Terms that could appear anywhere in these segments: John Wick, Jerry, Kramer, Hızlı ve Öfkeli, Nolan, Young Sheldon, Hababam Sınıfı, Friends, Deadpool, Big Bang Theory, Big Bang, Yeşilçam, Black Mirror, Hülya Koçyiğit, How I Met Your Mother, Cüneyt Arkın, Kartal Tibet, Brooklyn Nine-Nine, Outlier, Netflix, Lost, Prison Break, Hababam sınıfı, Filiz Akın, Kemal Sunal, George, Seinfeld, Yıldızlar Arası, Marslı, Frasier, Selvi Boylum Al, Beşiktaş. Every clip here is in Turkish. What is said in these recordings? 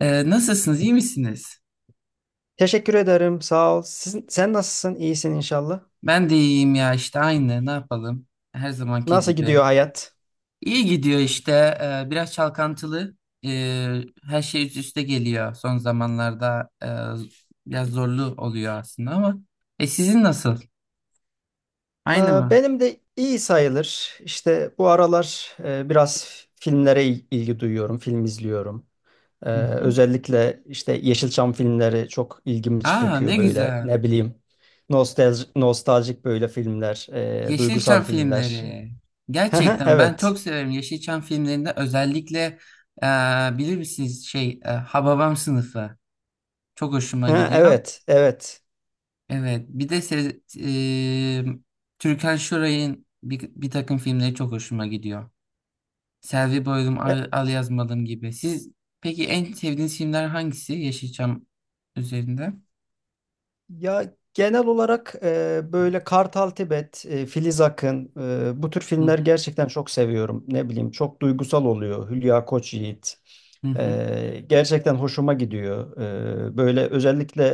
Nasılsınız? İyi misiniz? Teşekkür ederim. Sağ ol. Sen nasılsın? İyisin inşallah. Ben de iyiyim ya işte aynı. Ne yapalım? Her zamanki Nasıl gibi. gidiyor hayat? İyi gidiyor işte. Biraz çalkantılı. Her şey üst üste geliyor. Son zamanlarda biraz zorlu oluyor aslında ama. Sizin nasıl? Ee, Aynı mı? Benim de iyi sayılır. İşte bu aralar biraz filmlere ilgi duyuyorum. Film izliyorum. Hı hı. Özellikle işte Yeşilçam filmleri çok ilgimi Aa, ne çekiyor böyle. güzel. Ne bileyim. Nostalji, nostaljik böyle filmler, duygusal Yeşilçam filmler. filmleri. Gerçekten ben çok Evet. severim Yeşilçam filmlerinde, özellikle e, bilir misiniz Hababam Sınıfı. Çok hoşuma Ha, gidiyor. evet, evet. Evet, bir de se Türkan Şoray'ın bir takım filmleri çok hoşuma gidiyor. Selvi Boylum, E, Al Yazmadım gibi. Siz peki en sevdiğiniz filmler hangisi Yeşilçam üzerinde? Ya genel olarak böyle Kartal Tibet, Filiz Akın, bu tür Hı filmler hı, gerçekten çok seviyorum. Ne bileyim, çok duygusal oluyor. Hülya Koçyiğit. hı hı. Gerçekten hoşuma gidiyor. Böyle özellikle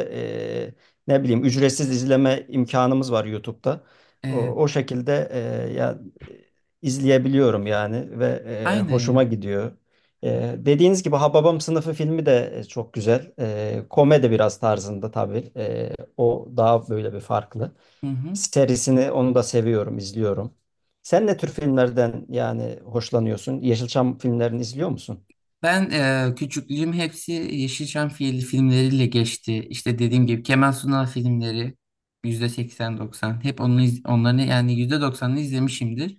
e, ne bileyim ücretsiz izleme imkanımız var YouTube'da. O, Evet, o şekilde izleyebiliyorum yani ve aynen hoşuma ya. gidiyor. Dediğiniz gibi Hababam Sınıfı filmi de çok güzel. Komedi biraz tarzında tabii. O daha böyle bir farklı. Hı hı. Serisini onu da seviyorum, izliyorum. Sen ne tür filmlerden yani hoşlanıyorsun? Yeşilçam filmlerini izliyor musun? Ben küçüklüğüm hepsi Yeşilçam filmleriyle geçti. İşte dediğim gibi Kemal Sunal filmleri %80-90. Hep onu, onların yani %90'ını izlemişimdir.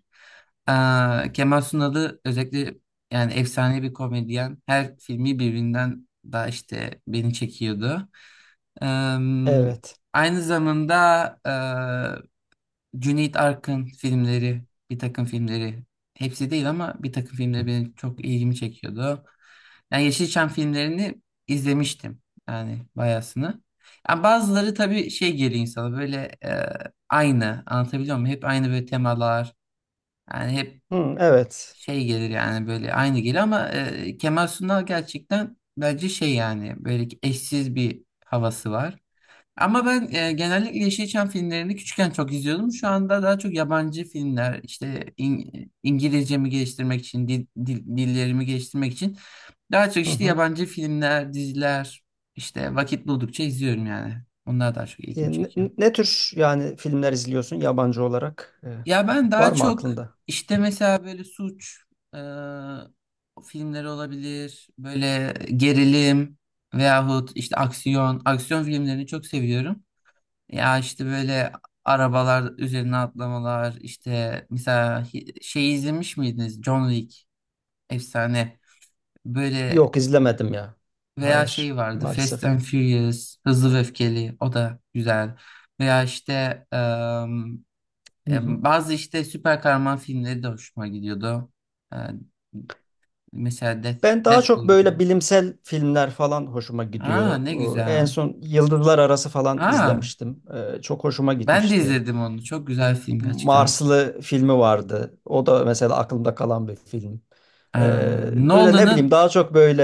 Kemal Sunal'ı özellikle, yani efsane bir komedyen. Her filmi birbirinden daha işte beni çekiyordu. Ee, Evet. aynı zamanda Cüneyt Arkın filmleri, bir takım filmleri. Hepsi değil ama bir takım filmleri benim çok ilgimi çekiyordu. Yani Yeşilçam filmlerini izlemiştim. Yani bayasını. Yani bazıları tabii şey geliyor insana, böyle e, aynı, anlatabiliyor muyum? Hep aynı böyle temalar. Yani hep Hı, evet. şey gelir, yani böyle aynı gelir ama Kemal Sunal gerçekten bence şey, yani böyle ki eşsiz bir havası var. Ama ben genellikle Yeşilçam filmlerini küçükken çok izliyordum. Şu anda daha çok yabancı filmler, işte İngilizcemi geliştirmek için, dillerimi geliştirmek için daha çok Hı işte hı. yabancı filmler, diziler, işte vakit buldukça izliyorum yani. Onlar daha çok E, ilgimi ne, çekiyor. Ne tür yani filmler izliyorsun yabancı olarak? E, Ya ben var daha mı çok aklında? işte mesela böyle suç e, filmleri olabilir, böyle gerilim veyahut işte aksiyon, aksiyon filmlerini çok seviyorum. Ya işte böyle arabalar üzerine atlamalar, işte mesela izlemiş miydiniz? John Wick, efsane. Böyle Yok, izlemedim ya. veya şey Hayır, vardı, Fast maalesef. and Furious, Hızlı ve Öfkeli, o da güzel. Veya işte Hı hı. Bazı işte süper kahraman filmleri de hoşuma gidiyordu. E, Mesela Ben daha çok Deadpool gibi. böyle bilimsel filmler falan hoşuma Aa, gidiyor. ne En güzel. son Yıldızlar Arası falan Aa, izlemiştim. Çok hoşuma ben de gitmişti. izledim onu. Çok güzel film gerçekten. Marslı filmi vardı. O da mesela aklımda kalan bir film. Ee, Böyle ne bileyim Nolan'ın. daha çok böyle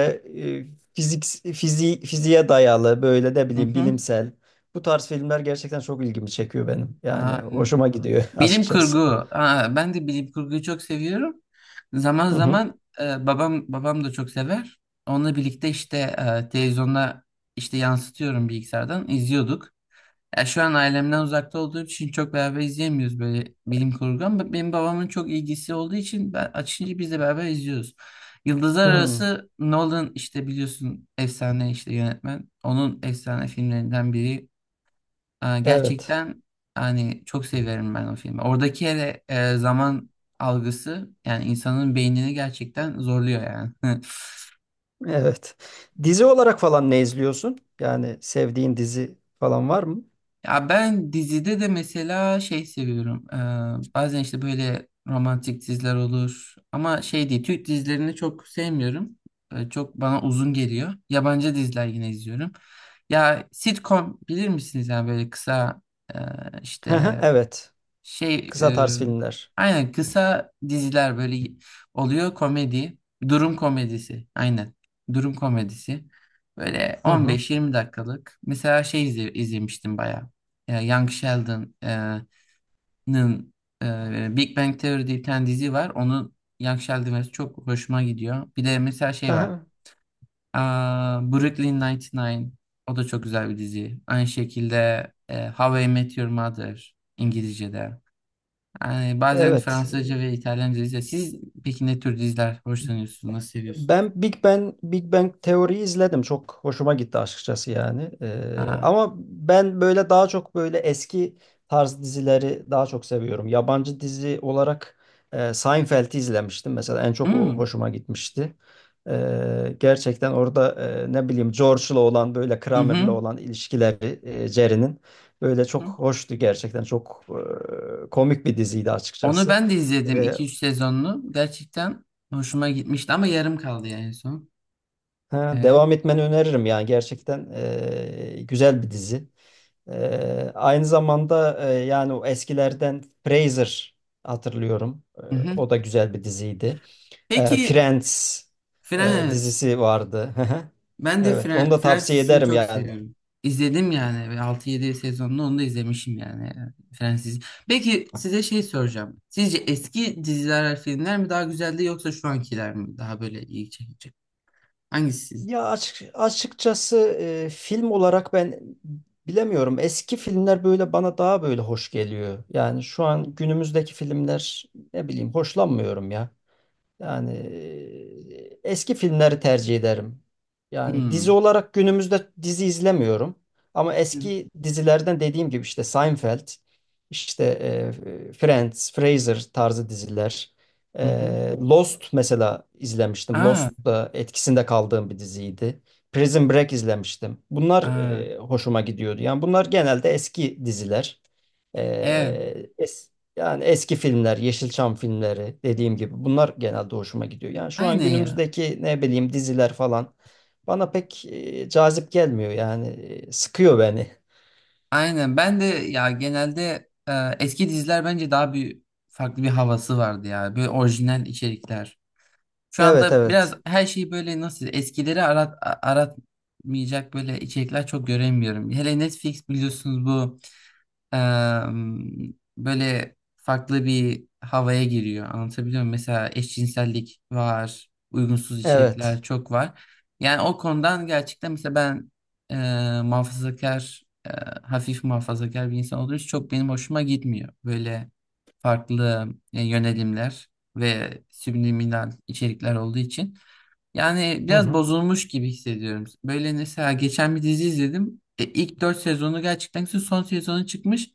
e, fizik fiziğe dayalı böyle ne Hı bileyim hı. bilimsel. Bu tarz filmler gerçekten çok ilgimi çekiyor benim. Yani Aa, hoşuma gidiyor bilim kurgu. açıkçası. Aa, ben de bilim kurguyu çok seviyorum. Zaman Hı hı. zaman babam da çok sever. Onunla birlikte işte televizyonda işte yansıtıyorum, bilgisayardan izliyorduk. Ya şu an ailemden uzakta olduğum için çok beraber izleyemiyoruz böyle bilim kurgu, ama benim babamın çok ilgisi olduğu için ben açınca biz de beraber izliyoruz. Yıldızlar Hı, Arası, Nolan işte biliyorsun, efsane işte yönetmen. Onun efsane filmlerinden biri. Aa, evet. gerçekten hani çok severim ben o filmi. Oradaki hele zaman algısı, yani insanın beynini gerçekten zorluyor yani. Evet. Dizi olarak falan ne izliyorsun? Yani sevdiğin dizi falan var mı? Ya ben dizide de mesela şey seviyorum. Bazen işte böyle romantik diziler olur. Ama şey değil, Türk dizilerini çok sevmiyorum. Çok bana uzun geliyor. Yabancı diziler yine izliyorum. Ya, sitcom bilir misiniz? Yani böyle kısa e, işte Evet. şey Kısa e, tarz filmler. aynen, kısa diziler böyle oluyor, komedi. Durum komedisi. Aynen. Durum komedisi. Böyle Hı hı. 15-20 dakikalık. Mesela şey izlemiştim bayağı. Young Sheldon'ın. Big Bang Theory diye bir tane dizi var. Onun Young Sheldon versiyonu çok hoşuma gidiyor. Bir de mesela şey var. Hı, Aa, Brooklyn Nine-Nine. O da çok güzel bir dizi. Aynı şekilde How I Met Your Mother, İngilizce'de. Yani bazen evet. Fransızca ve İtalyanca dizi. Siz peki ne tür diziler hoşlanıyorsunuz? Nasıl seviyorsunuz? Ben Big Bang teoriyi izledim. Çok hoşuma gitti açıkçası yani. Ha. Ama ben böyle daha çok böyle eski tarz dizileri daha çok seviyorum. Yabancı dizi olarak Seinfeld'i izlemiştim mesela. En çok o Hmm. hoşuma gitmişti. Gerçekten orada ne bileyim George'la olan böyle Hı Kramer'la hı. olan ilişkileri Jerry'nin böyle çok Hı. hoştu gerçekten. Çok komik bir diziydi Onu açıkçası. ben de izledim, Ee, iki üç sezonlu. Gerçekten hoşuma gitmişti ama yarım kaldı yani, en son. Ha, Evet. devam etmeni öneririm yani gerçekten güzel bir dizi. Aynı zamanda yani o eskilerden Frasier hatırlıyorum. E, Hı hı. o da güzel bir diziydi. Peki. Friends Friends. dizisi vardı. Ben de Evet, onu da Friends tavsiye dizisini ederim çok yani. seviyorum. İzledim yani, ve altı yedi sezonlu onu da izlemişim yani, Friends dizisi. Peki, size şey soracağım. Sizce eski diziler, filmler mi daha güzeldi, yoksa şu ankiler mi daha böyle iyi, çekici? Hangisi? Açıkçası film olarak ben bilemiyorum. Eski filmler böyle bana daha böyle hoş geliyor. Yani şu an günümüzdeki filmler ne bileyim hoşlanmıyorum ya. Yani eski filmleri tercih ederim. Yani dizi Hmm. olarak günümüzde dizi izlemiyorum. Ama Hı eski dizilerden dediğim gibi işte Seinfeld, işte Friends, Frasier tarzı diziler. E, hı. Hı. Lost mesela izlemiştim. Aa, Lost da etkisinde kaldığım bir diziydi. Prison Break izlemiştim. Bunlar aa, hoşuma gidiyordu. Yani bunlar genelde eski diziler. E, evet. es- Yani eski filmler, Yeşilçam filmleri dediğim gibi bunlar genelde hoşuma gidiyor. Yani şu an Aynen ya. günümüzdeki ne bileyim diziler falan bana pek cazip gelmiyor yani, sıkıyor beni. Aynen. Ben de ya, genelde eski diziler bence daha bir farklı bir havası vardı ya. Böyle orijinal içerikler. Şu Evet, anda biraz evet. her şeyi böyle nasıl, eskileri aratmayacak böyle içerikler çok göremiyorum. Hele Netflix biliyorsunuz bu. Böyle farklı bir havaya giriyor. Anlatabiliyor muyum? Mesela eşcinsellik var, uygunsuz içerikler Evet. çok var. Yani o konudan gerçekten, mesela ben muhafazakar, hafif muhafazakar bir insan olduğu için çok benim hoşuma gitmiyor. Böyle farklı yönelimler ve subliminal içerikler olduğu için. Yani Hı biraz hı. bozulmuş gibi hissediyorum. Böyle mesela geçen bir dizi izledim. E, ilk 4 sezonu gerçekten güzel, son sezonu çıkmış.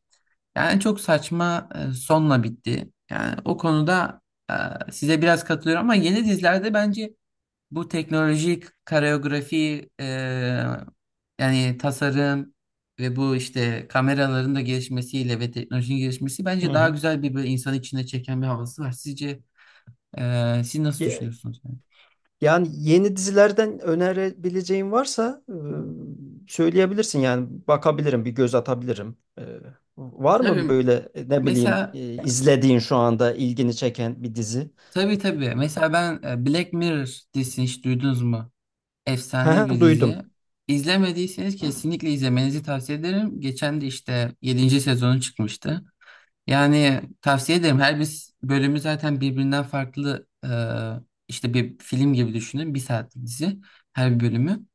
Yani çok saçma sonla bitti. Yani o konuda size biraz katılıyorum, ama yeni dizilerde bence bu teknolojik koreografi, yani tasarım ve bu işte kameraların da gelişmesiyle ve teknolojinin gelişmesi, Hı bence daha hı. güzel bir böyle insanı içine çeken bir havası var. Sizce siz nasıl Ye- düşünüyorsunuz? Yani? Yani yeni dizilerden önerebileceğin varsa söyleyebilirsin yani, bakabilirim, bir göz atabilirim. E, var mı Tabii böyle ne bileyim mesela izlediğin şu anda ilgini çeken bir dizi? Tabii, tabii. Mesela ben Black Mirror dizisini hiç duydunuz mu? Hı Efsane bir hı, dizi. duydum. İzlemediyseniz kesinlikle izlemenizi tavsiye ederim. Geçen de işte yedinci sezonu çıkmıştı. Yani tavsiye ederim. Her bir bölümü zaten birbirinden farklı, işte bir film gibi düşünün. Bir saatlik dizi her bir bölümü.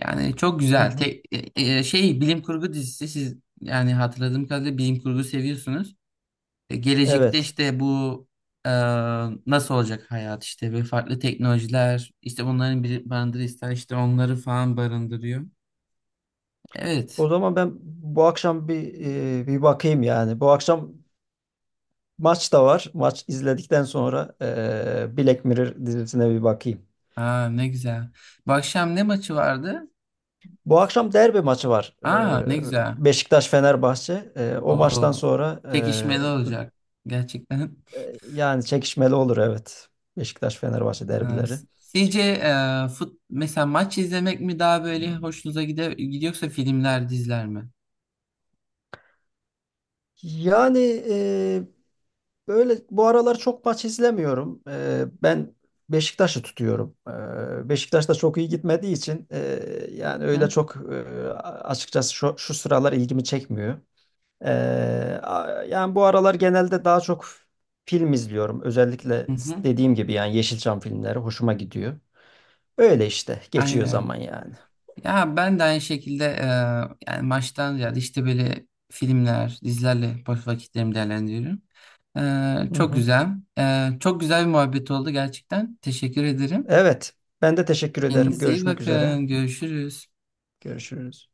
Yani çok Hı güzel. hı. Tek, e, e, şey Bilim kurgu dizisi, siz yani hatırladığım kadarıyla bilim kurgu seviyorsunuz. Gelecekte Evet. işte bu e, nasıl olacak hayat işte, ve farklı teknolojiler işte, bunların bir barındırırsa işte, onları falan barındırıyor. Evet. O zaman ben bu akşam bir bir bakayım yani. Bu akşam maç da var. Maç izledikten sonra Black Mirror dizisine bir bakayım. Aa, ne güzel. Bu akşam ne maçı vardı? Bu akşam derbi maçı var. E, Aa, ne güzel. Beşiktaş-Fenerbahçe. E, o maçtan O sonra çekişmeli olacak gerçekten. Yani çekişmeli olur evet. Beşiktaş-Fenerbahçe Ee, derbileri. Sizce e, fut mesela maç izlemek mi daha böyle hoşunuza gider, gidiyorsa filmler, diziler mi? Yani e, böyle bu aralar çok maç izlemiyorum. Ben Beşiktaş'ı tutuyorum. Beşiktaş da çok iyi gitmediği için yani öyle Hı çok açıkçası şu sıralar ilgimi çekmiyor. Yani bu aralar genelde daha çok film izliyorum. Özellikle hı. Hı. dediğim gibi yani Yeşilçam filmleri hoşuma gidiyor. Öyle işte geçiyor Aynen. zaman yani. Ya ben de aynı şekilde yani maçtan ziyade işte böyle filmler, dizilerle boş vakitlerimi değerlendiriyorum. Eee, Hı çok hı. güzel. Çok güzel bir muhabbet oldu gerçekten. Teşekkür ederim. Evet. Ben de teşekkür ederim. Kendinize iyi Görüşmek üzere. bakın. Görüşürüz. Görüşürüz.